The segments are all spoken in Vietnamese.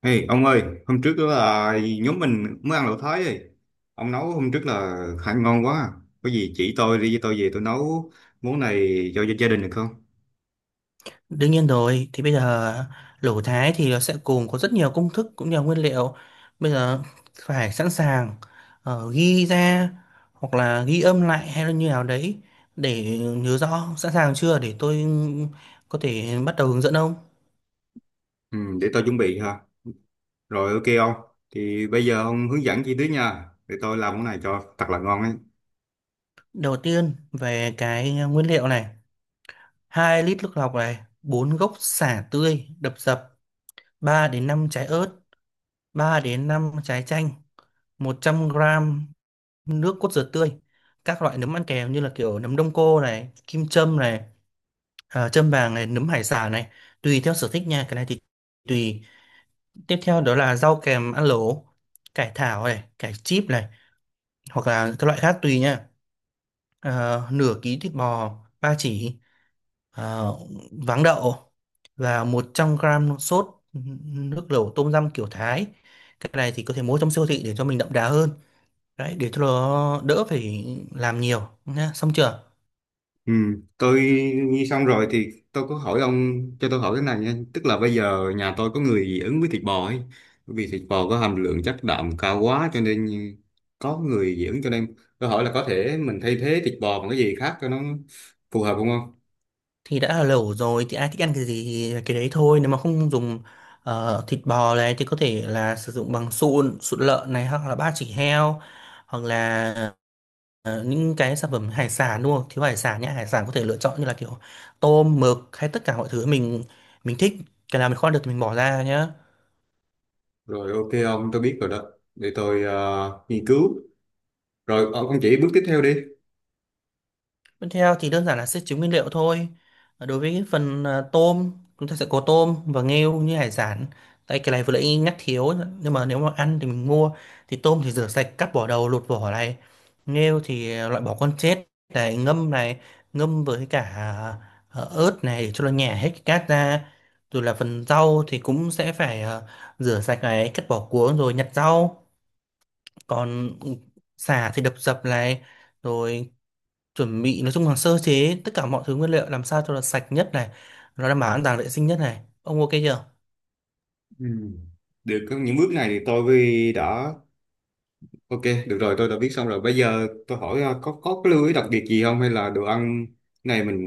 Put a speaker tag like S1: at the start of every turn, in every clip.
S1: Ê, ông ơi, hôm trước là nhóm mình mới ăn lẩu Thái ấy. Ông nấu hôm trước là khá ngon quá. Có gì chỉ tôi đi với tôi về tôi nấu món này cho gia đình được không?
S2: Đương nhiên rồi, thì bây giờ lẩu Thái thì nó sẽ cùng có rất nhiều công thức cũng như là nguyên liệu. Bây giờ phải sẵn sàng, ghi ra hoặc là ghi âm lại hay là như nào đấy để nhớ rõ. Sẵn sàng chưa để tôi có thể bắt đầu hướng dẫn ông?
S1: Ừ, để tôi chuẩn bị ha. Rồi ok ông. Thì bây giờ ông hướng dẫn chi tiết nha. Để tôi làm món này cho thật là ngon ấy.
S2: Đầu tiên về cái nguyên liệu này: 2 lít nước lọc này, 4 gốc sả tươi đập dập, 3 đến 5 trái ớt, 3 đến 5 trái chanh, 100 gram nước cốt dừa tươi, các loại nấm ăn kèm như là kiểu nấm đông cô này, kim châm này, à, châm vàng này, nấm hải sản này, tùy theo sở thích nha. Cái này thì tùy. Tiếp theo đó là rau kèm ăn lẩu, cải thảo này, cải chip này, hoặc là các loại khác tùy nha. Nửa ký thịt bò ba chỉ, ờ, váng đậu, và 100 gram sốt nước lẩu tôm răm kiểu Thái. Cái này thì có thể mua trong siêu thị để cho mình đậm đà hơn đấy, để cho nó đỡ phải làm nhiều nhá. Xong chưa?
S1: Ừ, tôi nghe xong rồi thì tôi có hỏi ông, cho tôi hỏi thế này nha, tức là bây giờ nhà tôi có người dị ứng với thịt bò ấy, bởi vì thịt bò có hàm lượng chất đạm cao quá cho nên có người dị ứng, cho nên tôi hỏi là có thể mình thay thế thịt bò bằng cái gì khác cho nó phù hợp không không
S2: Thì đã là lẩu rồi thì ai thích ăn cái gì thì cái đấy thôi. Nếu mà không dùng thịt bò này thì có thể là sử dụng bằng sụn sụn lợn này hoặc là ba chỉ heo, hoặc là những cái sản phẩm hải sản, đúng không? Thiếu hải sản nhé. Hải sản có thể lựa chọn như là kiểu tôm, mực hay tất cả mọi thứ mình thích. Cái nào mình kho được thì mình bỏ ra nhé.
S1: Rồi ok ông, tôi biết rồi đó. Để tôi nghiên cứu. Rồi ông chỉ bước tiếp theo đi.
S2: Tiếp theo thì đơn giản là sẽ chứa nguyên liệu thôi. Đối với phần tôm, chúng ta sẽ có tôm và nghêu như hải sản. Tại cái này vừa nãy nhắc thiếu, nhưng mà nếu mà ăn thì mình mua. Thì tôm thì rửa sạch, cắt vỏ đầu, lột vỏ này. Nghêu thì loại bỏ con chết này, ngâm với cả ớt này để cho nó nhả hết cái cát ra. Rồi là phần rau thì cũng sẽ phải rửa sạch này, cắt bỏ cuống rồi nhặt rau. Còn sả thì đập dập này, rồi chuẩn bị. Nói chung là sơ chế tất cả mọi thứ nguyên liệu làm sao cho là sạch nhất này, nó đảm bảo an toàn vệ sinh nhất này. Ông ok chưa?
S1: Ừ. được có những bước này thì tôi đã Ok, được rồi, tôi đã biết xong rồi. Bây giờ tôi hỏi có cái lưu ý đặc biệt gì không, hay là đồ ăn này mình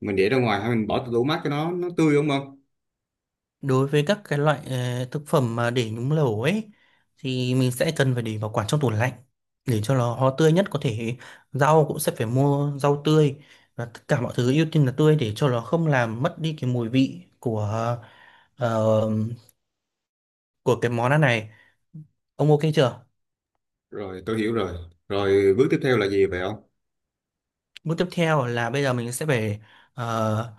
S1: để ra ngoài hay mình bỏ tủ mát cho nó tươi đúng không?
S2: Đối với các cái loại thực phẩm mà để nhúng lẩu ấy thì mình sẽ cần phải để bảo quản trong tủ lạnh để cho nó tươi nhất có thể. Rau cũng sẽ phải mua rau tươi, và tất cả mọi thứ ưu tiên là tươi để cho nó không làm mất đi cái mùi vị của, ờ, của cái món ăn này. Ông ok chưa?
S1: Rồi, tôi hiểu rồi. Rồi bước tiếp theo là gì vậy không?
S2: Bước tiếp theo là bây giờ mình sẽ phải ờ,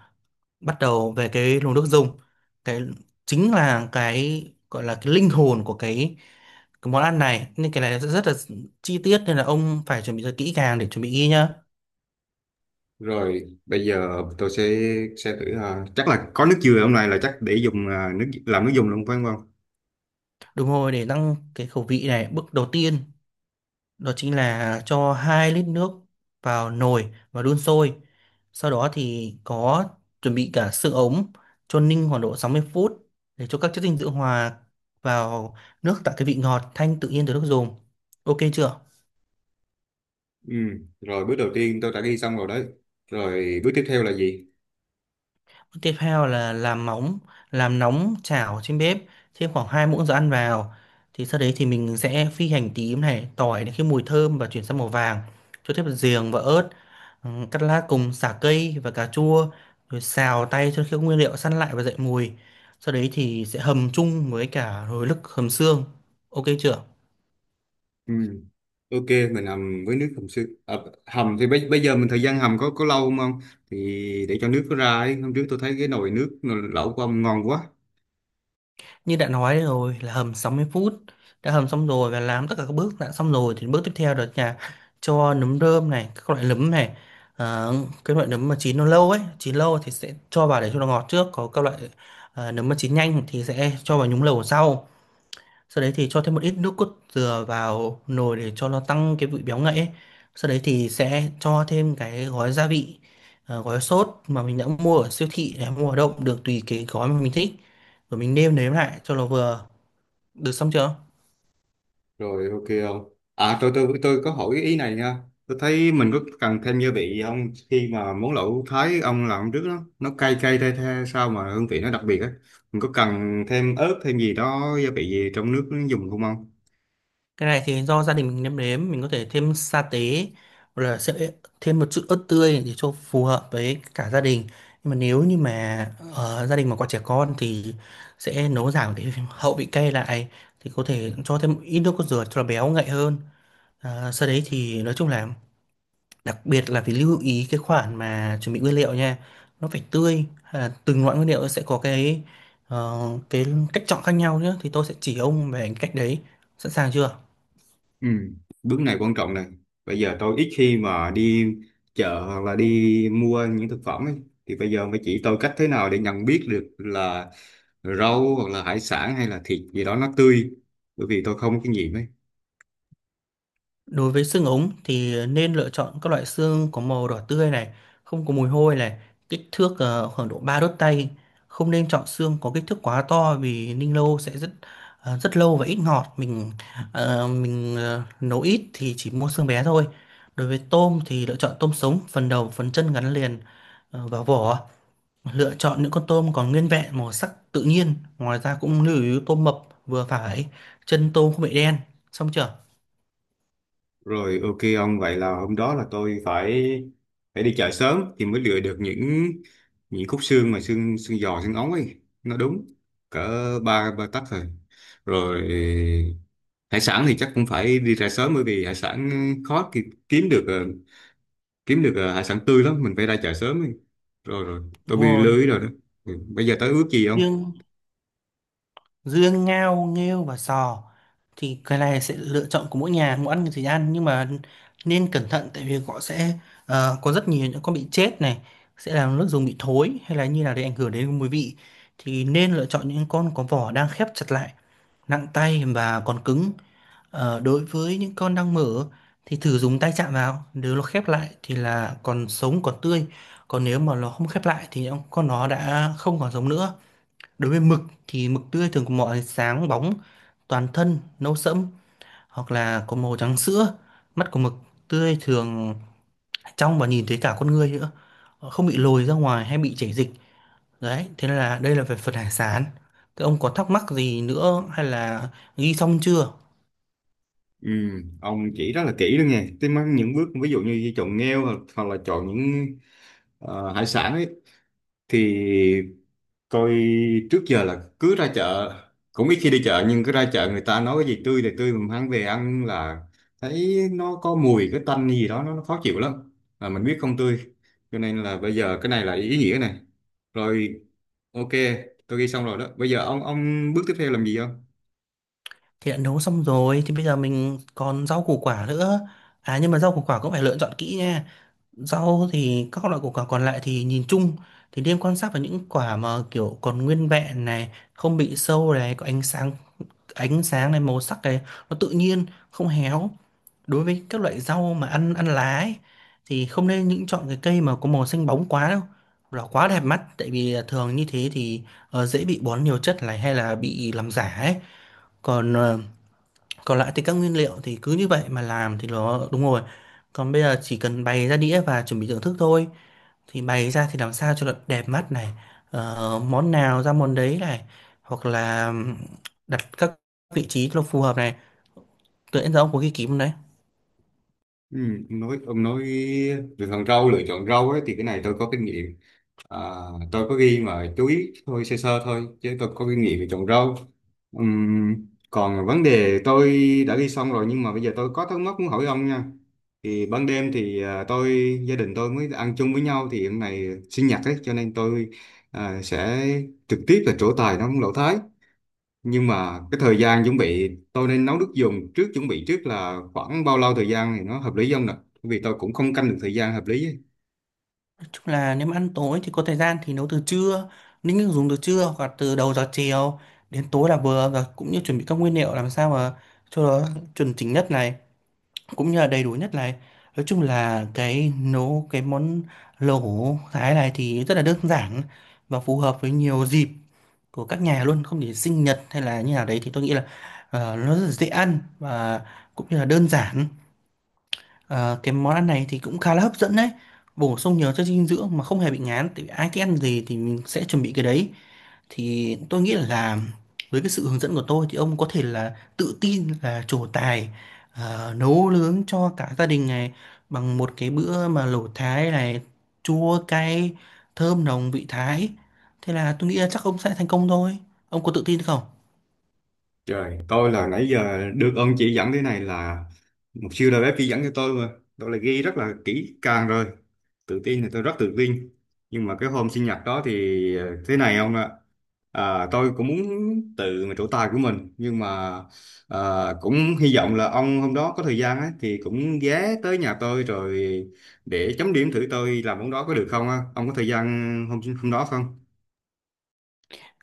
S2: bắt đầu về cái luồng nước dùng. Cái chính là cái gọi là cái linh hồn của cái món ăn này, nên cái này rất là chi tiết, nên là ông phải chuẩn bị rất kỹ càng để chuẩn bị ghi nhá.
S1: Rồi, bây giờ tôi sẽ thử, chắc là có nước dừa hôm nay là chắc để dùng nước làm nước dùng luôn phải không?
S2: Đúng rồi, để tăng cái khẩu vị này. Bước đầu tiên đó chính là cho 2 lít nước vào nồi và đun sôi. Sau đó thì có chuẩn bị cả xương ống cho ninh khoảng độ 60 phút để cho các chất dinh dưỡng hòa vào nước, tạo cái vị ngọt thanh tự nhiên từ nước dùng. Ok chưa?
S1: Ừ, rồi bước đầu tiên tôi đã ghi xong rồi đấy. Rồi bước tiếp theo là gì?
S2: Tiếp theo là làm móng, làm nóng chảo trên bếp, thêm khoảng 2 muỗng dầu ăn vào. Thì sau đấy thì mình sẽ phi hành tím này, tỏi đến khi mùi thơm và chuyển sang màu vàng. Cho thêm giềng và ớt, ừ, cắt lát cùng sả cây và cà chua. Rồi xào tay cho khi các nguyên liệu săn lại và dậy mùi. Sau đấy thì sẽ hầm chung với cả rồi lức hầm xương. Ok chưa?
S1: Ừ. Ok, mình hầm với nước hầm xương. À, hầm thì bây giờ mình thời gian hầm có lâu không không? Thì để cho nước nó ra ấy. Hôm trước tôi thấy cái nồi nước lẩu của ông ngon quá.
S2: Như đã nói rồi là hầm 60 phút. Đã hầm xong rồi và làm tất cả các bước đã xong rồi thì bước tiếp theo đó là cho nấm rơm này, các loại nấm này. Ờ, cái loại nấm mà chín nó lâu ấy, chín lâu thì sẽ cho vào để cho nó ngọt trước. Có các loại nấm mà chín nhanh thì sẽ cho vào nhúng lẩu sau. Sau đấy thì cho thêm một ít nước cốt dừa vào nồi để cho nó tăng cái vị béo ngậy ấy. Sau đấy thì sẽ cho thêm cái gói gia vị, gói sốt mà mình đã mua ở siêu thị hay mua ở đâu cũng được, tùy cái gói mà mình thích. Rồi mình nêm nếm lại cho nó vừa được. Xong chưa?
S1: Rồi ok không? À, tôi có hỏi ý này nha. Tôi thấy mình có cần thêm gia vị không, khi mà món lẩu Thái ông làm trước đó nó cay cay the the sao mà hương vị nó đặc biệt á. Mình có cần thêm ớt thêm gì đó gia vị gì trong nước nó dùng không không?
S2: Cái này thì do gia đình mình nêm nếm, mình có thể thêm sa tế hoặc là sẽ thêm một chút ớt tươi để cho phù hợp với cả gia đình. Nhưng mà nếu như mà gia đình mà có trẻ con thì sẽ nấu giảm cái hậu vị cay lại, thì có thể cho thêm ít nước cốt dừa cho nó béo ngậy hơn. À, sau đấy thì nói chung là đặc biệt là phải lưu ý cái khoản mà chuẩn bị nguyên liệu nha. Nó phải tươi, à, từng loại nguyên liệu sẽ có cái, ờ, cái cách chọn khác nhau nhé, thì tôi sẽ chỉ ông về cách đấy. Sẵn sàng chưa?
S1: Ừ, bước này quan trọng này. Bây giờ tôi ít khi mà đi chợ hoặc là đi mua những thực phẩm ấy. Thì bây giờ mới chỉ tôi cách thế nào để nhận biết được là rau hoặc là hải sản hay là thịt gì đó nó tươi. Bởi vì tôi không có kinh nghiệm ấy.
S2: Đối với xương ống thì nên lựa chọn các loại xương có màu đỏ tươi này, không có mùi hôi này, kích thước khoảng độ 3 đốt tay. Không nên chọn xương có kích thước quá to vì ninh lâu sẽ rất, rất lâu và ít ngọt. Mình nấu ít thì chỉ mua xương bé thôi. Đối với tôm thì lựa chọn tôm sống, phần đầu, phần chân gắn liền vào vỏ. Lựa chọn những con tôm còn nguyên vẹn màu sắc tự nhiên. Ngoài ra cũng lưu ý tôm mập vừa phải, chân tôm không bị đen. Xong chưa?
S1: Rồi ok ông, vậy là hôm đó là tôi phải phải đi chợ sớm thì mới lựa được những khúc xương mà xương xương giò xương ống ấy. Nó đúng cỡ ba 3 tấc rồi. Rồi hải sản thì chắc cũng phải đi ra sớm, bởi vì hải sản khó kiếm được kiếm được hải sản tươi lắm, mình phải ra chợ sớm ấy. Rồi rồi tôi
S2: Đúng
S1: bị
S2: rồi.
S1: lưới rồi đó. Ừ. Bây giờ tới ước gì không.
S2: Nhưng dương ngao nghêu và sò thì cái này sẽ lựa chọn của mỗi nhà, muốn ăn thì ăn, nhưng mà nên cẩn thận tại vì họ sẽ có rất nhiều những con bị chết này, sẽ làm nước dùng bị thối hay là như là để ảnh hưởng đến mùi vị. Thì nên lựa chọn những con có vỏ đang khép chặt lại, nặng tay và còn cứng. Đối với những con đang mở thì thử dùng tay chạm vào, nếu nó khép lại thì là còn sống còn tươi, còn nếu mà nó không khép lại thì con nó đã không còn sống nữa. Đối với mực thì mực tươi thường có màu sáng bóng, toàn thân, nâu sẫm hoặc là có màu trắng sữa. Mắt của mực tươi thường trong và nhìn thấy cả con người nữa. Họ không bị lồi ra ngoài hay bị chảy dịch. Đấy, thế nên là đây là về phần hải sản. Thế ông có thắc mắc gì nữa hay là ghi xong chưa?
S1: Ừ. Ông chỉ rất là kỹ luôn nha, tôi mang những bước ví dụ như chọn nghêu hoặc là chọn những hải sản ấy, thì tôi trước giờ là cứ ra chợ, cũng ít khi đi chợ, nhưng cứ ra chợ người ta nói cái gì tươi thì tươi, mình mang về ăn là thấy nó có mùi cái tanh gì đó nó khó chịu lắm, là mình biết không tươi, cho nên là bây giờ cái này là ý nghĩa này. Rồi, ok, tôi ghi xong rồi đó. Bây giờ ông bước tiếp theo làm gì không?
S2: Thì đã nấu xong rồi thì bây giờ mình còn rau củ quả nữa. À, nhưng mà rau củ quả cũng phải lựa chọn kỹ nha. Rau thì các loại củ quả còn lại thì nhìn chung thì nên quan sát vào những quả mà kiểu còn nguyên vẹn này, không bị sâu này, có ánh sáng này, màu sắc này, nó tự nhiên, không héo. Đối với các loại rau mà ăn ăn lá ấy, thì không nên những chọn cái cây mà có màu xanh bóng quá đâu. Hoặc là quá đẹp mắt, tại vì thường như thế thì dễ bị bón nhiều chất này hay là bị làm giả ấy. Còn còn lại thì các nguyên liệu thì cứ như vậy mà làm thì nó đúng rồi. Còn bây giờ chỉ cần bày ra đĩa và chuẩn bị thưởng thức thôi. Thì bày ra thì làm sao cho nó đẹp mắt này, món nào ra món đấy này, hoặc là đặt các vị trí cho nó phù hợp này, tự nhiên. Giờ ông có ghi kỹ không đấy?
S1: Ừ, ông nói lựa chọn rau ấy, thì cái này tôi có kinh nghiệm. À, tôi có ghi mà chú ý thôi, sơ sơ thôi, chứ tôi có kinh nghiệm về chọn rau. Ừm, còn vấn đề tôi đã ghi xong rồi, nhưng mà bây giờ tôi có thắc mắc muốn hỏi ông nha. Thì ban đêm thì à, tôi gia đình tôi mới ăn chung với nhau, thì hôm nay sinh nhật ấy, cho nên tôi à, sẽ trực tiếp là trổ tài nấu lẩu Thái. Nhưng mà cái thời gian chuẩn bị tôi nên nấu nước dùng trước, chuẩn bị trước là khoảng bao lâu thời gian thì nó hợp lý không nè? Bởi vì tôi cũng không canh được thời gian hợp lý ấy.
S2: Nói chung là nếu mà ăn tối thì có thời gian thì nấu từ trưa, nếu như dùng từ trưa hoặc là từ đầu giờ chiều đến tối là vừa. Và cũng như chuẩn bị các nguyên liệu làm sao mà cho nó chuẩn chỉnh nhất này, cũng như là đầy đủ nhất này. Nói chung là cái nấu cái món lẩu thái này thì rất là đơn giản và phù hợp với nhiều dịp của các nhà luôn, không chỉ sinh nhật hay là như nào đấy. Thì tôi nghĩ là nó rất là dễ ăn và cũng như là đơn giản. Ờ, cái món ăn này thì cũng khá là hấp dẫn đấy, bổ sung nhiều chất dinh dưỡng mà không hề bị ngán, tại vì ai thích ăn gì thì mình sẽ chuẩn bị cái đấy. Thì tôi nghĩ là với cái sự hướng dẫn của tôi thì ông có thể là tự tin là trổ tài nấu nướng cho cả gia đình này bằng một cái bữa mà lẩu Thái này, chua cay thơm nồng vị Thái. Thế là tôi nghĩ là chắc ông sẽ thành công thôi. Ông có tự tin không?
S1: Trời, tôi là nãy giờ được ông chỉ dẫn thế này là một siêu đầu bếp chỉ dẫn cho tôi mà. Tôi là ghi rất là kỹ càng rồi. Tự tin thì tôi rất tự tin. Nhưng mà cái hôm sinh nhật đó thì ờ, thế này ông ạ. À, tôi cũng muốn tự mà trổ tài của mình. Nhưng mà cũng hy vọng là ông hôm đó có thời gian ấy, thì cũng ghé tới nhà tôi rồi để chấm điểm thử tôi làm món đó có được không á. Ông có thời gian hôm hôm đó không?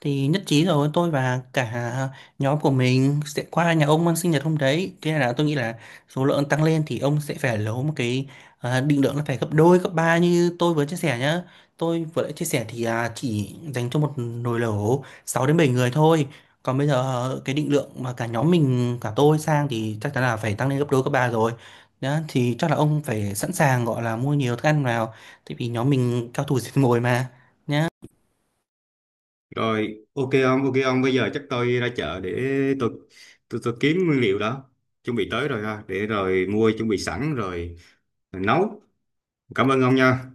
S2: Thì nhất trí rồi. Tôi và cả, à, nhóm của mình sẽ qua nhà ông ăn sinh nhật hôm đấy. Thế là tôi nghĩ là số lượng tăng lên thì ông sẽ phải lấy một cái, à, định lượng nó phải gấp đôi gấp ba như tôi vừa chia sẻ nhá. Tôi vừa đã chia sẻ thì, à, chỉ dành cho một nồi lẩu 6 đến 7 người thôi. Còn bây giờ, à, cái định lượng mà cả nhóm mình cả tôi sang thì chắc chắn là phải tăng lên gấp đôi gấp ba rồi. Đó, thì chắc là ông phải sẵn sàng gọi là mua nhiều thức ăn vào, tại vì nhóm mình cao thủ diệt mồi mà, nhá.
S1: Rồi, ok ông, bây giờ chắc tôi ra chợ để tôi tôi kiếm nguyên liệu đó. Chuẩn bị tới rồi ha, để rồi mua chuẩn bị sẵn rồi, rồi nấu. Cảm ơn ông nha.